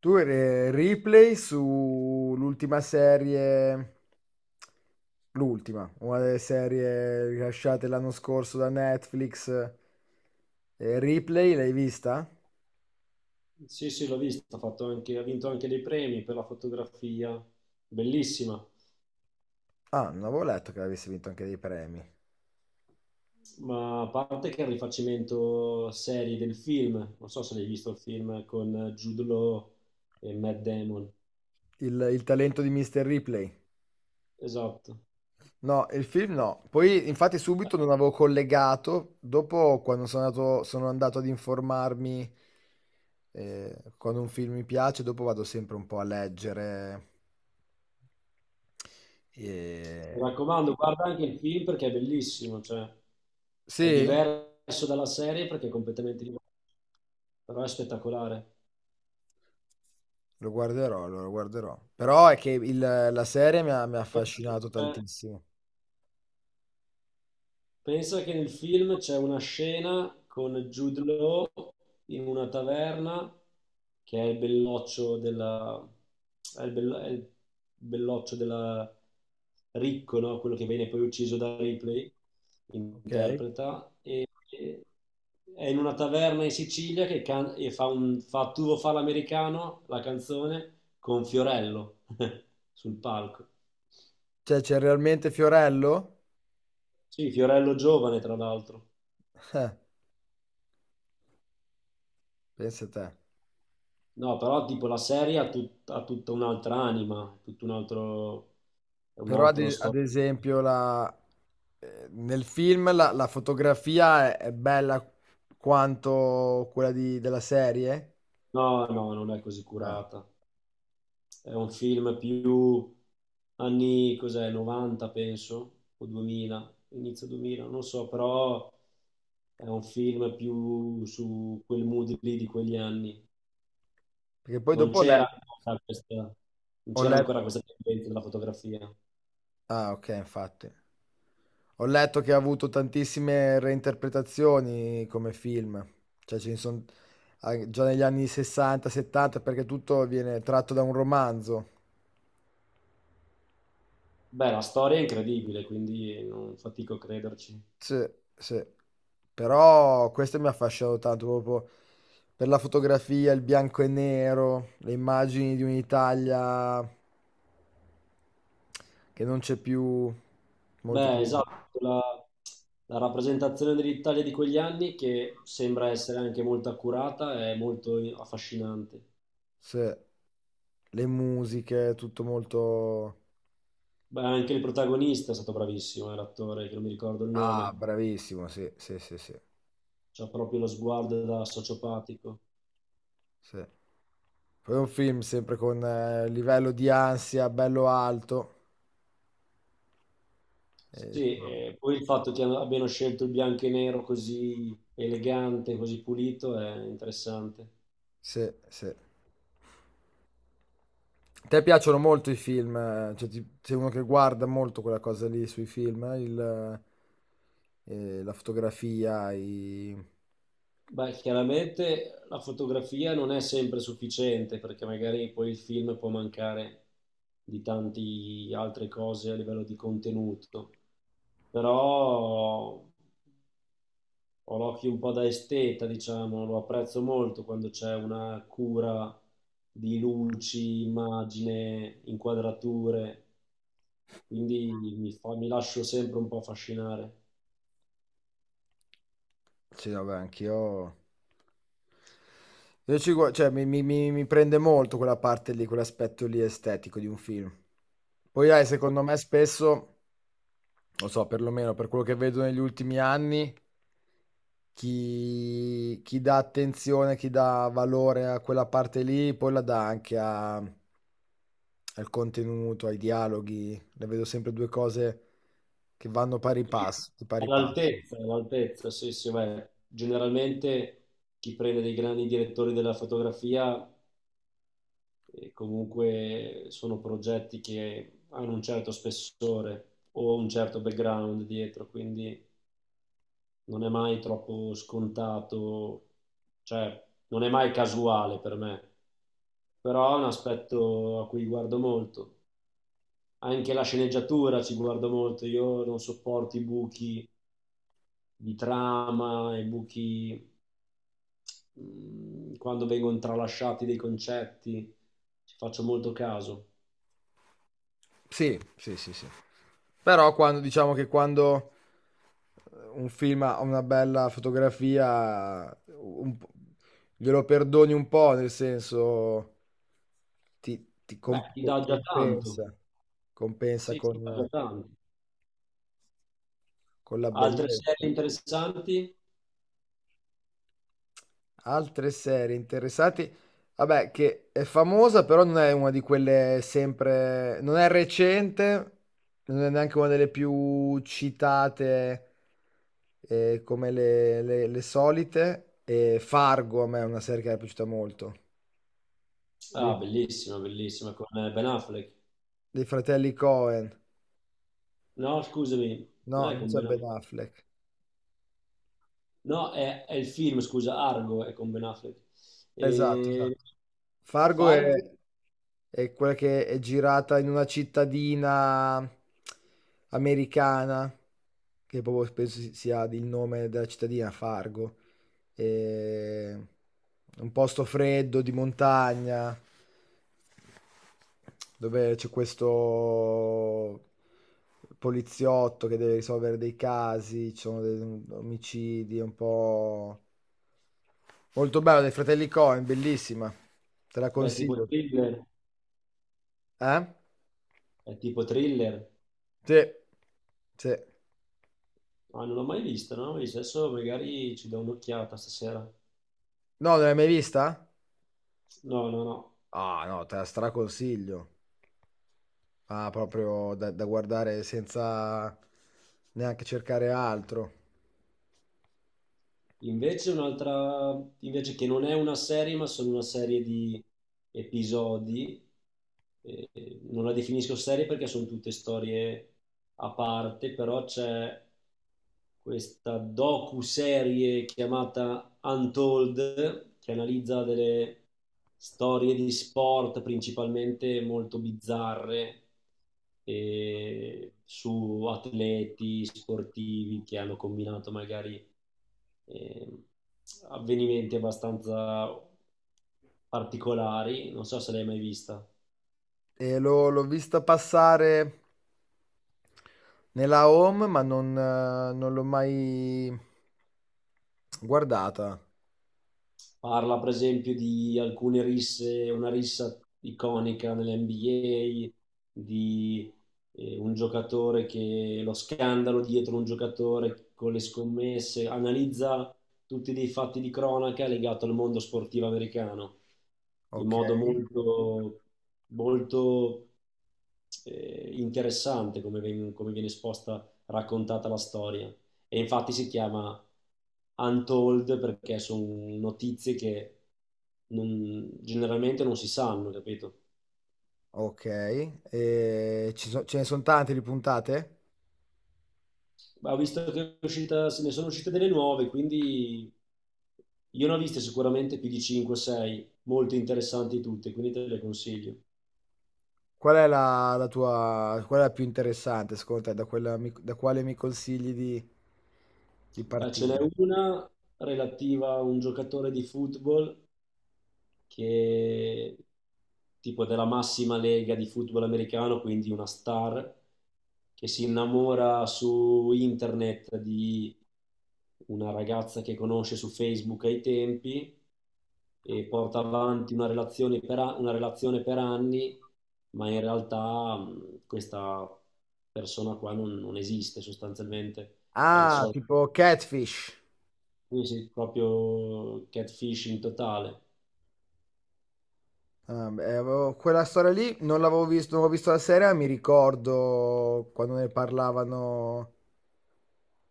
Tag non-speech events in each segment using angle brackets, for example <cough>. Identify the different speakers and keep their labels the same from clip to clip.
Speaker 1: Tu eri replay sull'ultima serie, l'ultima, una delle serie rilasciate l'anno scorso da Netflix. Ripley, l'hai vista?
Speaker 2: Sì, sì, l'ho vista, ha vinto anche dei premi per la fotografia, bellissima,
Speaker 1: Ah, non avevo letto che avesse vinto anche dei premi.
Speaker 2: ma a parte che è il rifacimento serie del film, non so se l'hai visto il film con Jude Law e Matt Damon,
Speaker 1: Il talento di Mr. Ripley.
Speaker 2: esatto.
Speaker 1: No, il film no. Poi, infatti, subito non avevo collegato. Dopo, sono andato ad informarmi, quando un film mi piace, dopo vado sempre un po' a leggere.
Speaker 2: Mi
Speaker 1: E-
Speaker 2: raccomando, guarda anche il film perché è bellissimo, cioè è
Speaker 1: Sì,
Speaker 2: diverso dalla serie perché è completamente diverso, però è spettacolare.
Speaker 1: lo guarderò, lo guarderò. Però è che il- la serie mi ha affascinato tantissimo.
Speaker 2: Pensa che nel film c'è una scena con Jude Law in una taverna che è il belloccio della... è il belloccio della Ricco, no? Quello che viene poi ucciso da Ripley,
Speaker 1: Ok?
Speaker 2: interpreta. E- È in una taverna in Sicilia e fa, un, fa Tu lo fa l'americano, la canzone, con Fiorello <laughs> sul palco.
Speaker 1: Cioè, c'è realmente Fiorello?
Speaker 2: Sì, Fiorello giovane, tra l'altro.
Speaker 1: <laughs> Eh, pensa te.
Speaker 2: No, però tipo la serie ha, ha tutta un'altra anima, tutto un altro, è un
Speaker 1: Però ad,
Speaker 2: altro
Speaker 1: ad
Speaker 2: storico.
Speaker 1: esempio la- nel film la fotografia è bella quanto quella di- della serie.
Speaker 2: No, no, non è così
Speaker 1: Eh,
Speaker 2: curata. È un film più anni, cos'è, 90 penso, o 2000, inizio 2000, non so, però è un film più su quel mood lì di quegli anni.
Speaker 1: Perché poi
Speaker 2: Non
Speaker 1: dopo ho
Speaker 2: c'era
Speaker 1: le-
Speaker 2: ancora questa, Non
Speaker 1: ho
Speaker 2: c'era
Speaker 1: letto.
Speaker 2: ancora questa tendenza della fotografia.
Speaker 1: Ah, ok, infatti. Ho letto che ha avuto tantissime reinterpretazioni come film, cioè ce ne sono già negli anni 60, 70, perché tutto viene tratto da un romanzo.
Speaker 2: Beh, la storia è incredibile, quindi non fatico a crederci.
Speaker 1: Sì, sì. Però questo mi ha affascinato tanto, proprio per la fotografia, il bianco e nero, le immagini di un'Italia che non c'è più, molto
Speaker 2: Beh,
Speaker 1: più.
Speaker 2: esatto, la, la rappresentazione dell'Italia di quegli anni che sembra essere anche molto accurata è molto affascinante.
Speaker 1: Sì. Le musiche, tutto molto...
Speaker 2: Beh, anche il protagonista è stato bravissimo, l'attore, che non mi ricordo il
Speaker 1: Ah,
Speaker 2: nome,
Speaker 1: bravissimo, sì, sì, sì, sì,
Speaker 2: c'ha proprio lo sguardo da sociopatico.
Speaker 1: sì. Poi è un film sempre con livello di ansia bello alto. Eh,
Speaker 2: Sì, e poi il fatto che abbiano scelto il bianco e nero così elegante, così pulito è interessante.
Speaker 1: sì, sì. A te piacciono molto i film, cioè, ti- sei uno che guarda molto quella cosa lì sui film, la fotografia, i...
Speaker 2: Beh, chiaramente la fotografia non è sempre sufficiente perché magari poi il film può mancare di tante altre cose a livello di contenuto, però ho l'occhio un po' da esteta, diciamo, lo apprezzo molto quando c'è una cura di luci, immagine, inquadrature, quindi mi lascio sempre un po' affascinare.
Speaker 1: Sì, vabbè, anch'io... Io ci gua- cioè, mi prende molto quella parte lì, quell'aspetto lì estetico di un film. Poi hai, secondo me, spesso, lo so, perlomeno per quello che vedo negli ultimi anni, chi dà attenzione, chi dà valore a quella parte lì, poi la dà anche a- al contenuto, ai dialoghi. Ne vedo sempre due cose che vanno pari
Speaker 2: Sì.
Speaker 1: passo, di pari passo.
Speaker 2: All'altezza, all'altezza, sì, sì, beh, generalmente chi prende dei grandi direttori della fotografia comunque sono progetti che hanno un certo spessore o un certo background dietro, quindi non è mai troppo scontato, cioè non è mai casuale per me, però è un aspetto a cui guardo molto. Anche la sceneggiatura ci guardo molto, io non sopporto i buchi di trama, i buchi quando vengono tralasciati dei concetti, ci faccio molto caso.
Speaker 1: Sì, sì, sì, sì. Però quando diciamo che quando un film ha una bella fotografia, un po' glielo perdoni un po', nel senso
Speaker 2: Beh, ti dà già tanto,
Speaker 1: compensa, compensa
Speaker 2: sì, ti dà già tanto.
Speaker 1: con la
Speaker 2: Altre
Speaker 1: bellezza.
Speaker 2: serie interessanti?
Speaker 1: Altre serie interessati. Vabbè, che è famosa, però non è una di quelle sempre... Non è recente, non è neanche una delle più citate come le solite. E Fargo a me è una serie che mi è piaciuta molto.
Speaker 2: Ah,
Speaker 1: Dei,
Speaker 2: bellissima, bellissima, con Ben Affleck.
Speaker 1: dei fratelli Cohen.
Speaker 2: No, scusami, non
Speaker 1: No,
Speaker 2: è
Speaker 1: non
Speaker 2: con
Speaker 1: c'è
Speaker 2: Ben
Speaker 1: Ben
Speaker 2: Affleck.
Speaker 1: Affleck.
Speaker 2: No, è il film, scusa, Argo è con Ben Affleck.
Speaker 1: Esatto,
Speaker 2: E
Speaker 1: esatto. Fargo
Speaker 2: Fargo
Speaker 1: è quella che è girata in una cittadina americana, che proprio penso si- sia il nome della cittadina, Fargo. E... Un posto freddo di montagna, dove c'è questo poliziotto che deve risolvere dei casi, ci sono dei omicidi, è un po'... Molto bello, dei fratelli Coen, bellissima. Te la
Speaker 2: è tipo
Speaker 1: consiglio.
Speaker 2: thriller,
Speaker 1: Eh?
Speaker 2: è tipo thriller.
Speaker 1: Sì, sì. No,
Speaker 2: Ah, non l'ho mai vista, non l'ho mai vista. Adesso magari ci do un'occhiata stasera.
Speaker 1: non l'hai mai vista?
Speaker 2: No, no, no.
Speaker 1: Ah, no, te la straconsiglio. Ah, proprio da, da guardare senza neanche cercare altro.
Speaker 2: Invece un'altra, invece che non è una serie, ma sono una serie di episodi. eh, Non la definisco serie perché sono tutte storie a parte, però c'è questa docu-serie chiamata Untold che analizza delle storie di sport principalmente molto bizzarre su atleti sportivi che hanno combinato magari eh, avvenimenti abbastanza particolari, non so se l'hai mai vista.
Speaker 1: E l'ho vista passare nella home, ma non, non l'ho mai guardata.
Speaker 2: Parla per esempio di alcune risse, una rissa iconica nell'NBA, di un giocatore che lo scandalo dietro un giocatore con le scommesse, analizza tutti dei fatti di cronaca legato al mondo sportivo americano in
Speaker 1: Ok,
Speaker 2: modo molto, molto interessante come, come viene esposta, raccontata la storia. E infatti si chiama Untold perché sono notizie che generalmente non si sanno, capito?
Speaker 1: ok. E ci so- ce ne sono tante di puntate?
Speaker 2: Ma ho visto che è uscita, se ne sono uscite delle nuove, quindi io ne ho viste sicuramente più di 5-6, molto interessanti tutte, quindi te le consiglio.
Speaker 1: Qual è la tua, qual è la più interessante, secondo te? Da, quella mi- da quale mi consigli di
Speaker 2: Beh, ce n'è
Speaker 1: partire?
Speaker 2: una relativa a un giocatore di football che tipo della massima lega di football americano, quindi una star che si innamora su internet di una ragazza che conosce su Facebook ai tempi e porta avanti una relazione per, una relazione per anni, ma in realtà questa persona qua non esiste sostanzialmente, è il
Speaker 1: Ah,
Speaker 2: solito,
Speaker 1: tipo Catfish.
Speaker 2: sì, sì, proprio catfishing totale.
Speaker 1: Ah, beh, avevo- quella storia lì non l'avevo visto, non ho visto la serie, ma mi ricordo quando ne parlavano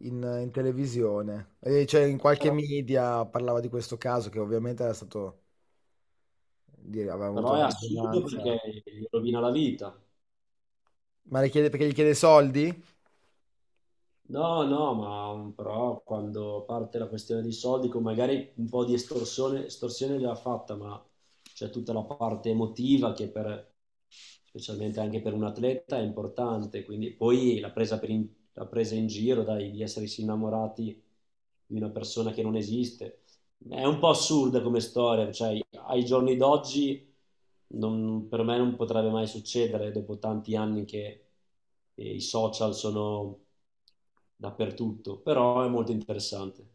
Speaker 1: in televisione, eh, cioè in qualche
Speaker 2: Però,
Speaker 1: media parlava di questo caso che ovviamente era stato, dire, aveva avuto
Speaker 2: però è
Speaker 1: una
Speaker 2: assurdo
Speaker 1: risonanza.
Speaker 2: perché gli rovina la vita.
Speaker 1: Ma le chiede, perché gli chiede soldi?
Speaker 2: No, no, ma però quando parte la questione dei soldi, con magari un po' di estorsione, estorsione già fatta, ma c'è tutta la parte emotiva specialmente anche per un atleta è importante, quindi poi la presa, la presa in giro, dai, di essersi innamorati di una persona che non esiste, è un po' assurda come storia, cioè ai giorni d'oggi per me non potrebbe mai succedere dopo tanti anni che i social sono dappertutto, però è molto interessante.